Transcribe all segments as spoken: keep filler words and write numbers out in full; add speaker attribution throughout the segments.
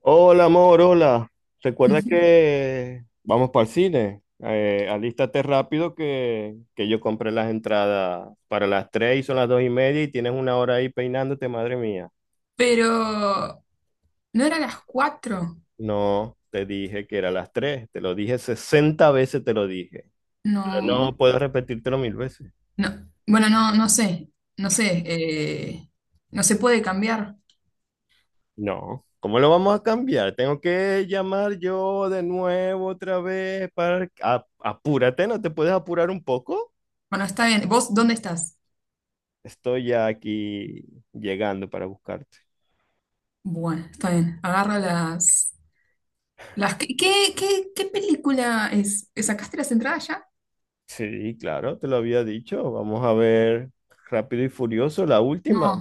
Speaker 1: Hola, amor, hola. Recuerda que vamos para el cine. Eh, alístate rápido que, que yo compré las entradas para las tres y son las dos y media y tienes una hora ahí peinándote, madre mía.
Speaker 2: Pero no era a las cuatro.
Speaker 1: No, te dije que era las tres. te lo dije sesenta veces, te lo dije. Pero no
Speaker 2: No,
Speaker 1: puedo repetírtelo mil veces.
Speaker 2: no. Bueno, no, no sé. No sé. Eh, no se puede cambiar.
Speaker 1: No, ¿cómo lo vamos a cambiar? Tengo que llamar yo de nuevo otra vez para... a- apúrate, ¿no te puedes apurar un poco?
Speaker 2: Bueno, está bien. ¿Vos dónde estás?
Speaker 1: Estoy ya aquí llegando para buscarte.
Speaker 2: Bueno, está bien. Agarra las, las... ¿Qué, qué, qué- qué película es? ¿Sacaste las entradas ya?
Speaker 1: Sí, claro, te lo había dicho. Vamos a ver Rápido y Furioso, la
Speaker 2: No,
Speaker 1: última.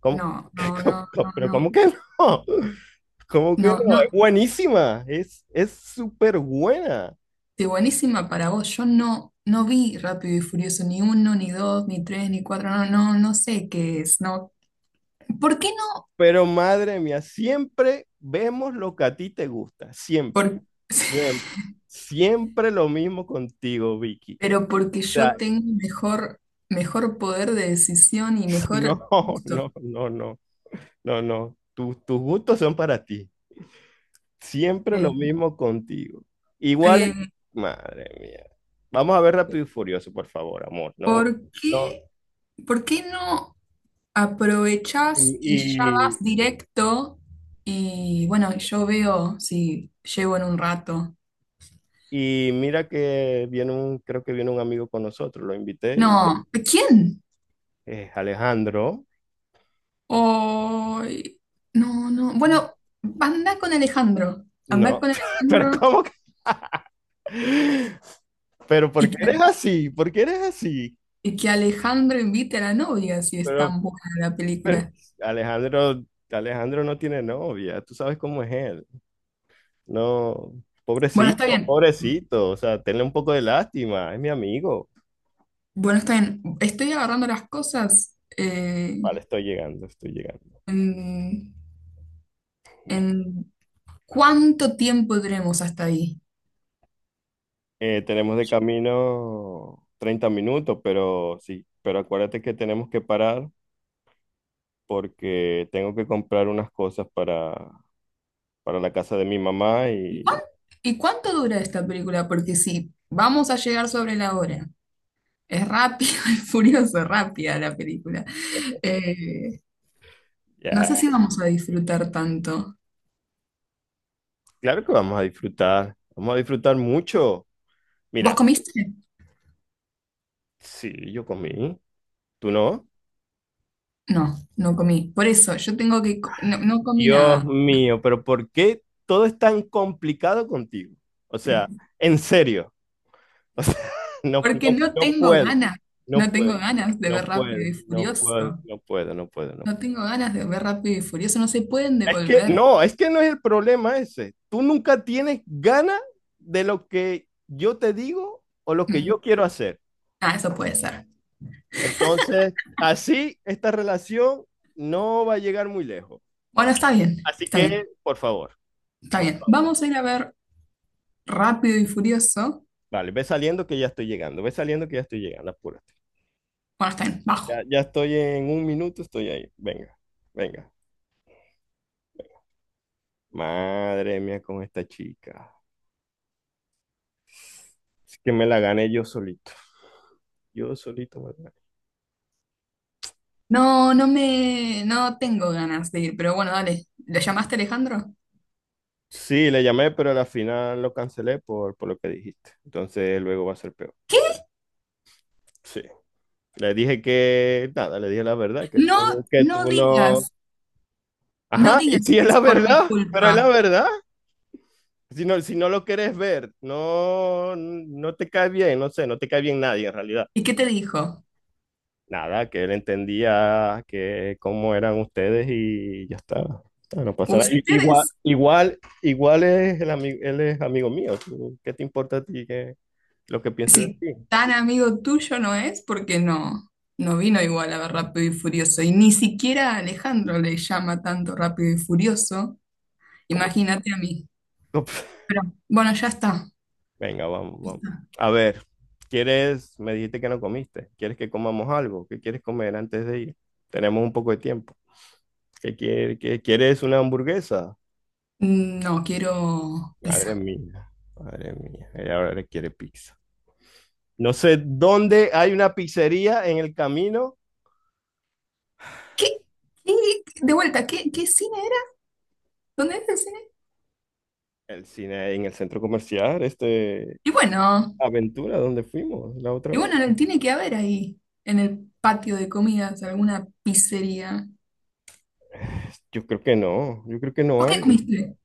Speaker 1: ¿Cómo?
Speaker 2: no, no,
Speaker 1: ¿Cómo-
Speaker 2: no,
Speaker 1: cómo-
Speaker 2: no,
Speaker 1: Pero ¿cómo
Speaker 2: no.
Speaker 1: que no? ¿Cómo que
Speaker 2: No,
Speaker 1: no? Es
Speaker 2: no.
Speaker 1: buenísima, es, es súper buena.
Speaker 2: De buenísima para vos. Yo no, no vi Rápido y Furioso, ni uno, ni dos, ni tres, ni cuatro. No, no, no sé qué es. No. ¿Por qué no?
Speaker 1: Pero madre mía, siempre vemos lo que a ti te gusta,
Speaker 2: ¿Por
Speaker 1: siempre, siempre, siempre lo mismo contigo, Vicky.
Speaker 2: Pero porque
Speaker 1: O sea,
Speaker 2: yo tengo mejor, mejor poder de decisión y
Speaker 1: no,
Speaker 2: mejor gusto.
Speaker 1: no, no, no, no, no. Tus, tus gustos son para ti. Siempre lo
Speaker 2: Eh,
Speaker 1: mismo contigo. Igual,
Speaker 2: eh,
Speaker 1: madre mía. Vamos a ver Rápido y Furioso, por favor, amor. No,
Speaker 2: ¿por
Speaker 1: no.
Speaker 2: qué, por qué no
Speaker 1: Y,
Speaker 2: aprovechás y ya
Speaker 1: y-
Speaker 2: vas directo? Y bueno, yo veo si llego en un rato.
Speaker 1: y mira que viene un, creo que viene un amigo con nosotros, lo invité, y-
Speaker 2: No, ¿quién?
Speaker 1: eh, Alejandro.
Speaker 2: Ay, no, no. Bueno, anda con Alejandro. Anda
Speaker 1: No,
Speaker 2: con
Speaker 1: pero
Speaker 2: Alejandro
Speaker 1: ¿cómo que? Pero ¿por
Speaker 2: y
Speaker 1: qué
Speaker 2: que,
Speaker 1: eres así? ¿Por qué eres así?
Speaker 2: y que Alejandro invite a la novia si es
Speaker 1: Pero,
Speaker 2: tan buena la
Speaker 1: pero
Speaker 2: película.
Speaker 1: Alejandro, Alejandro no tiene novia, tú sabes cómo es él. No,
Speaker 2: Bueno, está
Speaker 1: pobrecito,
Speaker 2: bien.
Speaker 1: pobrecito. O sea, tenle un poco de lástima. Es mi amigo.
Speaker 2: Bueno, está bien. Estoy agarrando las cosas. eh,
Speaker 1: Vale, estoy llegando, estoy llegando.
Speaker 2: en,
Speaker 1: Va.
Speaker 2: en cuánto tiempo tenemos hasta ahí?
Speaker 1: Eh, tenemos de camino treinta minutos, pero sí, pero acuérdate que tenemos que parar porque tengo que comprar unas cosas para, para la casa de mi mamá
Speaker 2: ¿Y cuán-
Speaker 1: y
Speaker 2: y cuánto dura esta película? Porque si vamos a llegar sobre la hora, es rápido, es furioso, rápida la película. eh, no sé
Speaker 1: ya.
Speaker 2: si vamos a disfrutar tanto.
Speaker 1: Claro que vamos a disfrutar. Vamos a disfrutar mucho.
Speaker 2: ¿Vos
Speaker 1: Mira,
Speaker 2: comiste?
Speaker 1: sí, yo comí. ¿Tú no?
Speaker 2: No, no comí. Por eso, yo tengo que... co- no, no comí
Speaker 1: Dios
Speaker 2: nada.
Speaker 1: mío, pero ¿por qué todo es tan complicado contigo? O sea, en serio, no, no,
Speaker 2: Porque no
Speaker 1: no
Speaker 2: tengo
Speaker 1: puedo,
Speaker 2: ganas.
Speaker 1: no
Speaker 2: No tengo
Speaker 1: puedo,
Speaker 2: ganas de
Speaker 1: no
Speaker 2: ver rápido
Speaker 1: puedo,
Speaker 2: y
Speaker 1: no puedo,
Speaker 2: furioso.
Speaker 1: no puedo, no puedo, no.
Speaker 2: No tengo ganas de ver Rápido y Furioso, no se pueden
Speaker 1: Es que
Speaker 2: devolver.
Speaker 1: no, es que no es el problema ese. Tú nunca tienes ganas de lo que yo te digo o lo que
Speaker 2: Mm.
Speaker 1: yo quiero hacer.
Speaker 2: Ah, eso puede ser.
Speaker 1: Entonces, así esta relación no va a llegar muy lejos.
Speaker 2: Bueno, está bien,
Speaker 1: Así
Speaker 2: está bien,
Speaker 1: que, por favor,
Speaker 2: está
Speaker 1: por
Speaker 2: bien.
Speaker 1: favor.
Speaker 2: Vamos a ir a ver Rápido y Furioso.
Speaker 1: Vale, ve saliendo que ya estoy llegando, ve saliendo que ya estoy llegando, apura.
Speaker 2: Bueno, está bien,
Speaker 1: Ya,
Speaker 2: bajo.
Speaker 1: ya estoy en un minuto, estoy ahí. Venga, venga. Madre mía, con esta chica. Es que me la gané yo solito. Yo solito me la gané.
Speaker 2: No, no me, no tengo ganas de ir, pero bueno, dale. ¿Le llamaste Alejandro?
Speaker 1: Sí, le llamé, pero al final lo cancelé por, por lo que dijiste. Entonces luego va a ser peor.
Speaker 2: ¿Qué?
Speaker 1: Sí. Le dije que, nada, le dije la verdad, que
Speaker 2: No,
Speaker 1: tú, que
Speaker 2: no
Speaker 1: tú no.
Speaker 2: digas, no
Speaker 1: Ajá, y
Speaker 2: digas
Speaker 1: si es
Speaker 2: que
Speaker 1: la
Speaker 2: es por mi
Speaker 1: verdad, pero es la
Speaker 2: culpa.
Speaker 1: verdad. Si no, si no lo quieres ver, no, no te cae bien, no sé, no te cae bien nadie en realidad.
Speaker 2: ¿Y qué te dijo?
Speaker 1: Nada, que él entendía que cómo eran ustedes y ya está. Ya está, No pasa nada. I- Igual,
Speaker 2: Ustedes.
Speaker 1: igual, igual es el amigo, él es amigo mío. tú, ¿Qué te importa a ti que, lo que piense de
Speaker 2: Si
Speaker 1: ti?
Speaker 2: tan amigo tuyo no es, porque no, no vino igual a ver Rápido y Furioso. Y ni siquiera a Alejandro le llama tanto Rápido y Furioso.
Speaker 1: ¿Cómo?
Speaker 2: Imagínate a mí. Pero bueno, ya está.
Speaker 1: Venga, vamos, vamos. A ver, ¿quieres? Me dijiste que no comiste. ¿Quieres que comamos algo? ¿Qué quieres comer antes de ir? Tenemos un poco de tiempo. ¿Qué quiere- qué- quieres? ¿Una hamburguesa?
Speaker 2: Mm, no, quiero
Speaker 1: Madre
Speaker 2: pizza.
Speaker 1: mía, madre mía. Ella ahora quiere pizza. No sé dónde hay una pizzería en el camino,
Speaker 2: ¿Qué? ¿Qué? De vuelta, ¿qué, qué cine era? ¿Dónde es el cine?
Speaker 1: el cine en el centro comercial, este
Speaker 2: Y bueno,
Speaker 1: Aventura, donde fuimos la otra
Speaker 2: y
Speaker 1: vez.
Speaker 2: bueno, no, tiene que haber ahí, en el patio de comidas, alguna pizzería.
Speaker 1: Yo creo que no, yo creo que no
Speaker 2: ¿Vos
Speaker 1: hay,
Speaker 2: qué
Speaker 1: yo
Speaker 2: comiste?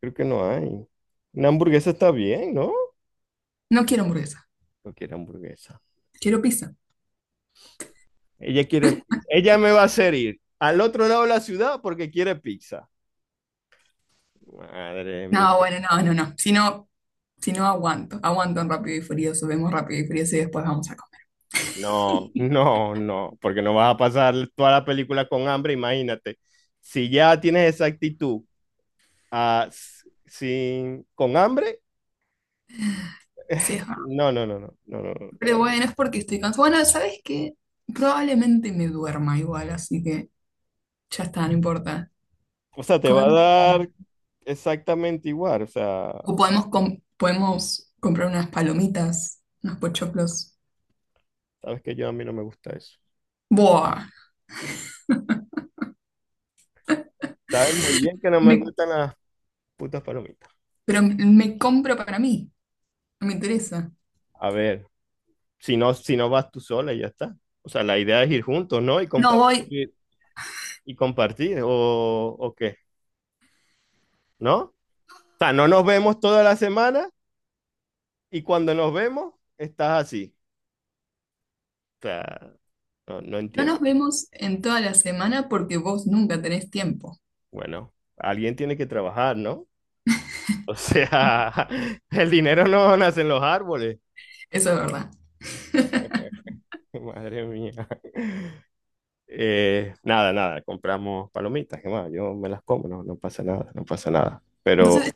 Speaker 1: creo que no hay. Una hamburguesa está bien, ¿no?
Speaker 2: No quiero hamburguesa,
Speaker 1: No quiere hamburguesa.
Speaker 2: quiero pizza.
Speaker 1: Ella quiere pizza. Ella me va a hacer ir al otro lado de la ciudad porque quiere pizza. Madre mía.
Speaker 2: No, bueno, no, no, no. Si no. Si no, aguanto. Aguanto en Rápido y Furioso. Vemos Rápido y Furioso y después vamos a comer.
Speaker 1: No, no, no, porque no vas a pasar toda la película con hambre, imagínate. Si ya tienes esa actitud ah, sin, con hambre,
Speaker 2: Sí, es verdad.
Speaker 1: no, no, no, no, no, no. no.
Speaker 2: Pero bueno, es porque estoy cansada. Bueno, ¿sabes qué? Probablemente me duerma igual, así que ya está, no importa.
Speaker 1: O sea, te va a
Speaker 2: Comemos.
Speaker 1: dar exactamente igual. O
Speaker 2: O
Speaker 1: sea,
Speaker 2: podemos, com- podemos comprar unas palomitas, unos pochoclos.
Speaker 1: sabes que yo a mí no me gusta eso.
Speaker 2: Buah.
Speaker 1: Sabes muy bien que no me
Speaker 2: Me-
Speaker 1: gustan las putas palomitas.
Speaker 2: pero me compro para mí. No me interesa.
Speaker 1: A ver, si no, si no vas tú sola y ya está. O sea, la idea es ir juntos, ¿no? Y
Speaker 2: No voy.
Speaker 1: compartir, y compartir, o, o qué, ¿no? O sea, no nos vemos toda la semana y cuando nos vemos estás así. O sea, no, no
Speaker 2: No
Speaker 1: entiendo.
Speaker 2: nos vemos en toda la semana porque vos nunca tenés tiempo.
Speaker 1: Bueno, alguien tiene que trabajar, ¿no? O sea, el dinero no nace en los árboles.
Speaker 2: Eso es verdad.
Speaker 1: Madre mía. Eh, nada, nada, compramos palomitas, que más, yo me las como, no, no pasa nada, no pasa nada. Pero,
Speaker 2: Entonces,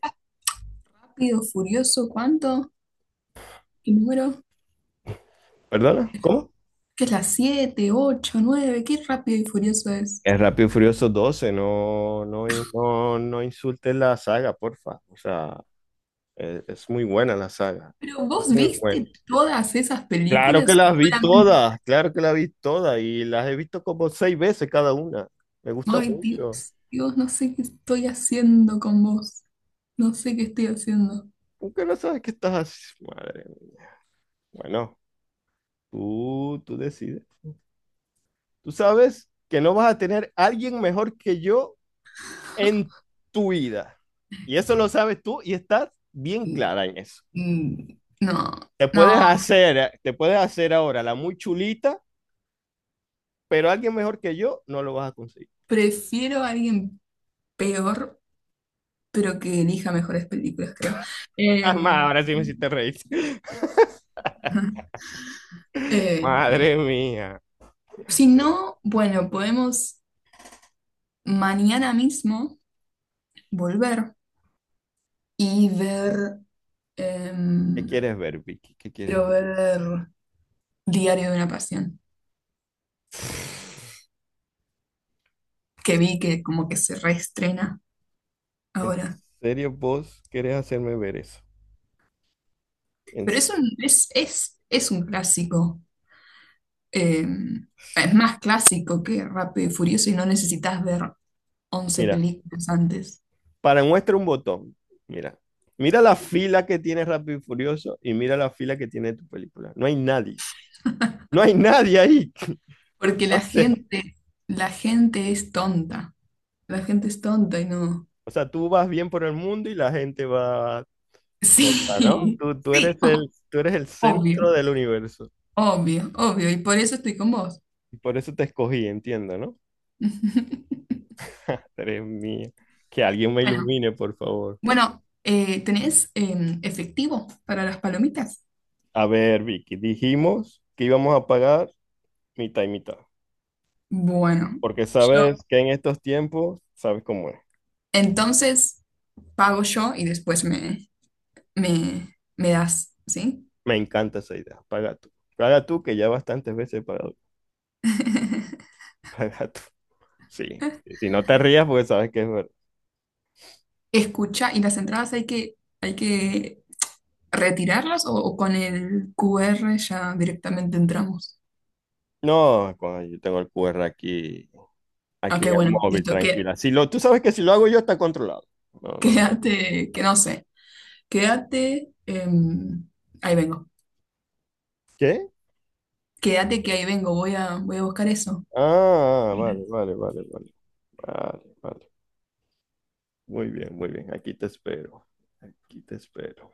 Speaker 2: Rápido, Furioso, ¿cuánto? ¿Qué número?
Speaker 1: Perdona, ¿cómo?
Speaker 2: Que es las siete, ocho, nueve, qué Rápido y Furioso es.
Speaker 1: El Rápido y Furioso doce, no, no, no, no insultes la saga, porfa. O sea, es, es muy buena la saga,
Speaker 2: Pero vos
Speaker 1: muy buena.
Speaker 2: viste todas esas
Speaker 1: Claro que
Speaker 2: películas y
Speaker 1: las vi
Speaker 2: solamente.
Speaker 1: todas, claro que las vi todas y las he visto como seis veces cada una. Me gusta
Speaker 2: Ay,
Speaker 1: mucho.
Speaker 2: Dios, Dios, no sé qué estoy haciendo con vos. No sé qué estoy haciendo.
Speaker 1: ¿Por qué no sabes qué estás haciendo? Madre mía. Bueno. Tú, tú decides. Tú sabes que no vas a tener alguien mejor que yo en tu vida. Y eso lo sabes tú y estás bien
Speaker 2: Mm,
Speaker 1: clara en eso.
Speaker 2: mm, no,
Speaker 1: Te puedes
Speaker 2: no,
Speaker 1: hacer, eh, te puedes hacer ahora la muy chulita, pero alguien mejor que yo no lo vas a conseguir.
Speaker 2: prefiero a alguien peor, pero que elija mejores películas, creo.
Speaker 1: Ah, ma,
Speaker 2: Em,
Speaker 1: ahora sí me hiciste reír.
Speaker 2: ajá. Eh,
Speaker 1: Madre mía.
Speaker 2: si no, bueno, podemos mañana mismo volver y ver.
Speaker 1: ¿Qué
Speaker 2: Em,
Speaker 1: quieres ver, Vicky? ¿Qué quieres? ver?
Speaker 2: Quiero ver Diario de una Pasión,
Speaker 1: O
Speaker 2: que
Speaker 1: sea,
Speaker 2: vi que como que se reestrena
Speaker 1: ¿en
Speaker 2: ahora.
Speaker 1: serio vos querés hacerme ver eso? En
Speaker 2: Pero
Speaker 1: se-
Speaker 2: es un, es, es, es un clásico. em, es más clásico que Rápido y Furioso y no necesitas ver once
Speaker 1: Mira,
Speaker 2: películas antes.
Speaker 1: Para muestra un botón. Mira. Mira la fila que tiene Rápido y Furioso y mira la fila que tiene tu película. No hay nadie. No hay nadie ahí.
Speaker 2: Porque
Speaker 1: O
Speaker 2: la
Speaker 1: sea,
Speaker 2: gente, la gente es tonta. La gente es tonta y no.
Speaker 1: o sea, tú vas bien por el mundo y la gente va loca, ¿no?
Speaker 2: Sí,
Speaker 1: Tú, tú
Speaker 2: sí,
Speaker 1: eres el, tú eres el centro
Speaker 2: obvio,
Speaker 1: del universo.
Speaker 2: obvio, obvio. Y por eso estoy con vos.
Speaker 1: Y por eso te escogí, entiendo, ¿no? Madre mía. Que alguien me
Speaker 2: Bueno.
Speaker 1: ilumine, por favor.
Speaker 2: Bueno, eh, ¿tenés em, efectivo para las palomitas?
Speaker 1: A ver, Vicky, dijimos que íbamos a pagar mitad y mitad.
Speaker 2: Bueno,
Speaker 1: Porque
Speaker 2: yo
Speaker 1: sabes que en estos tiempos, sabes cómo es.
Speaker 2: entonces pago yo y después me, me, me das, ¿sí?
Speaker 1: Me encanta esa idea. Paga tú. Paga tú, que ya bastantes veces he pagado. Paga tú. Sí. sí, Si no te rías, porque sabes que es verdad.
Speaker 2: Escucha, ¿y las entradas hay que, hay que retirarlas o, o con el Q R ya directamente entramos?
Speaker 1: No, coño, yo tengo el Q R aquí, aquí en
Speaker 2: Ok,
Speaker 1: el
Speaker 2: bueno,
Speaker 1: móvil,
Speaker 2: listo, que,
Speaker 1: tranquila. Si lo, Tú sabes que si lo hago yo está controlado. No, no te preocupes.
Speaker 2: quédate, que no sé, quédate, em, ahí vengo,
Speaker 1: ¿Qué?
Speaker 2: quédate que ahí vengo, voy a, voy a buscar eso.
Speaker 1: Ah, vale, vale, vale, vale. Vale, vale. Muy bien, muy bien. Aquí te espero. Aquí te espero.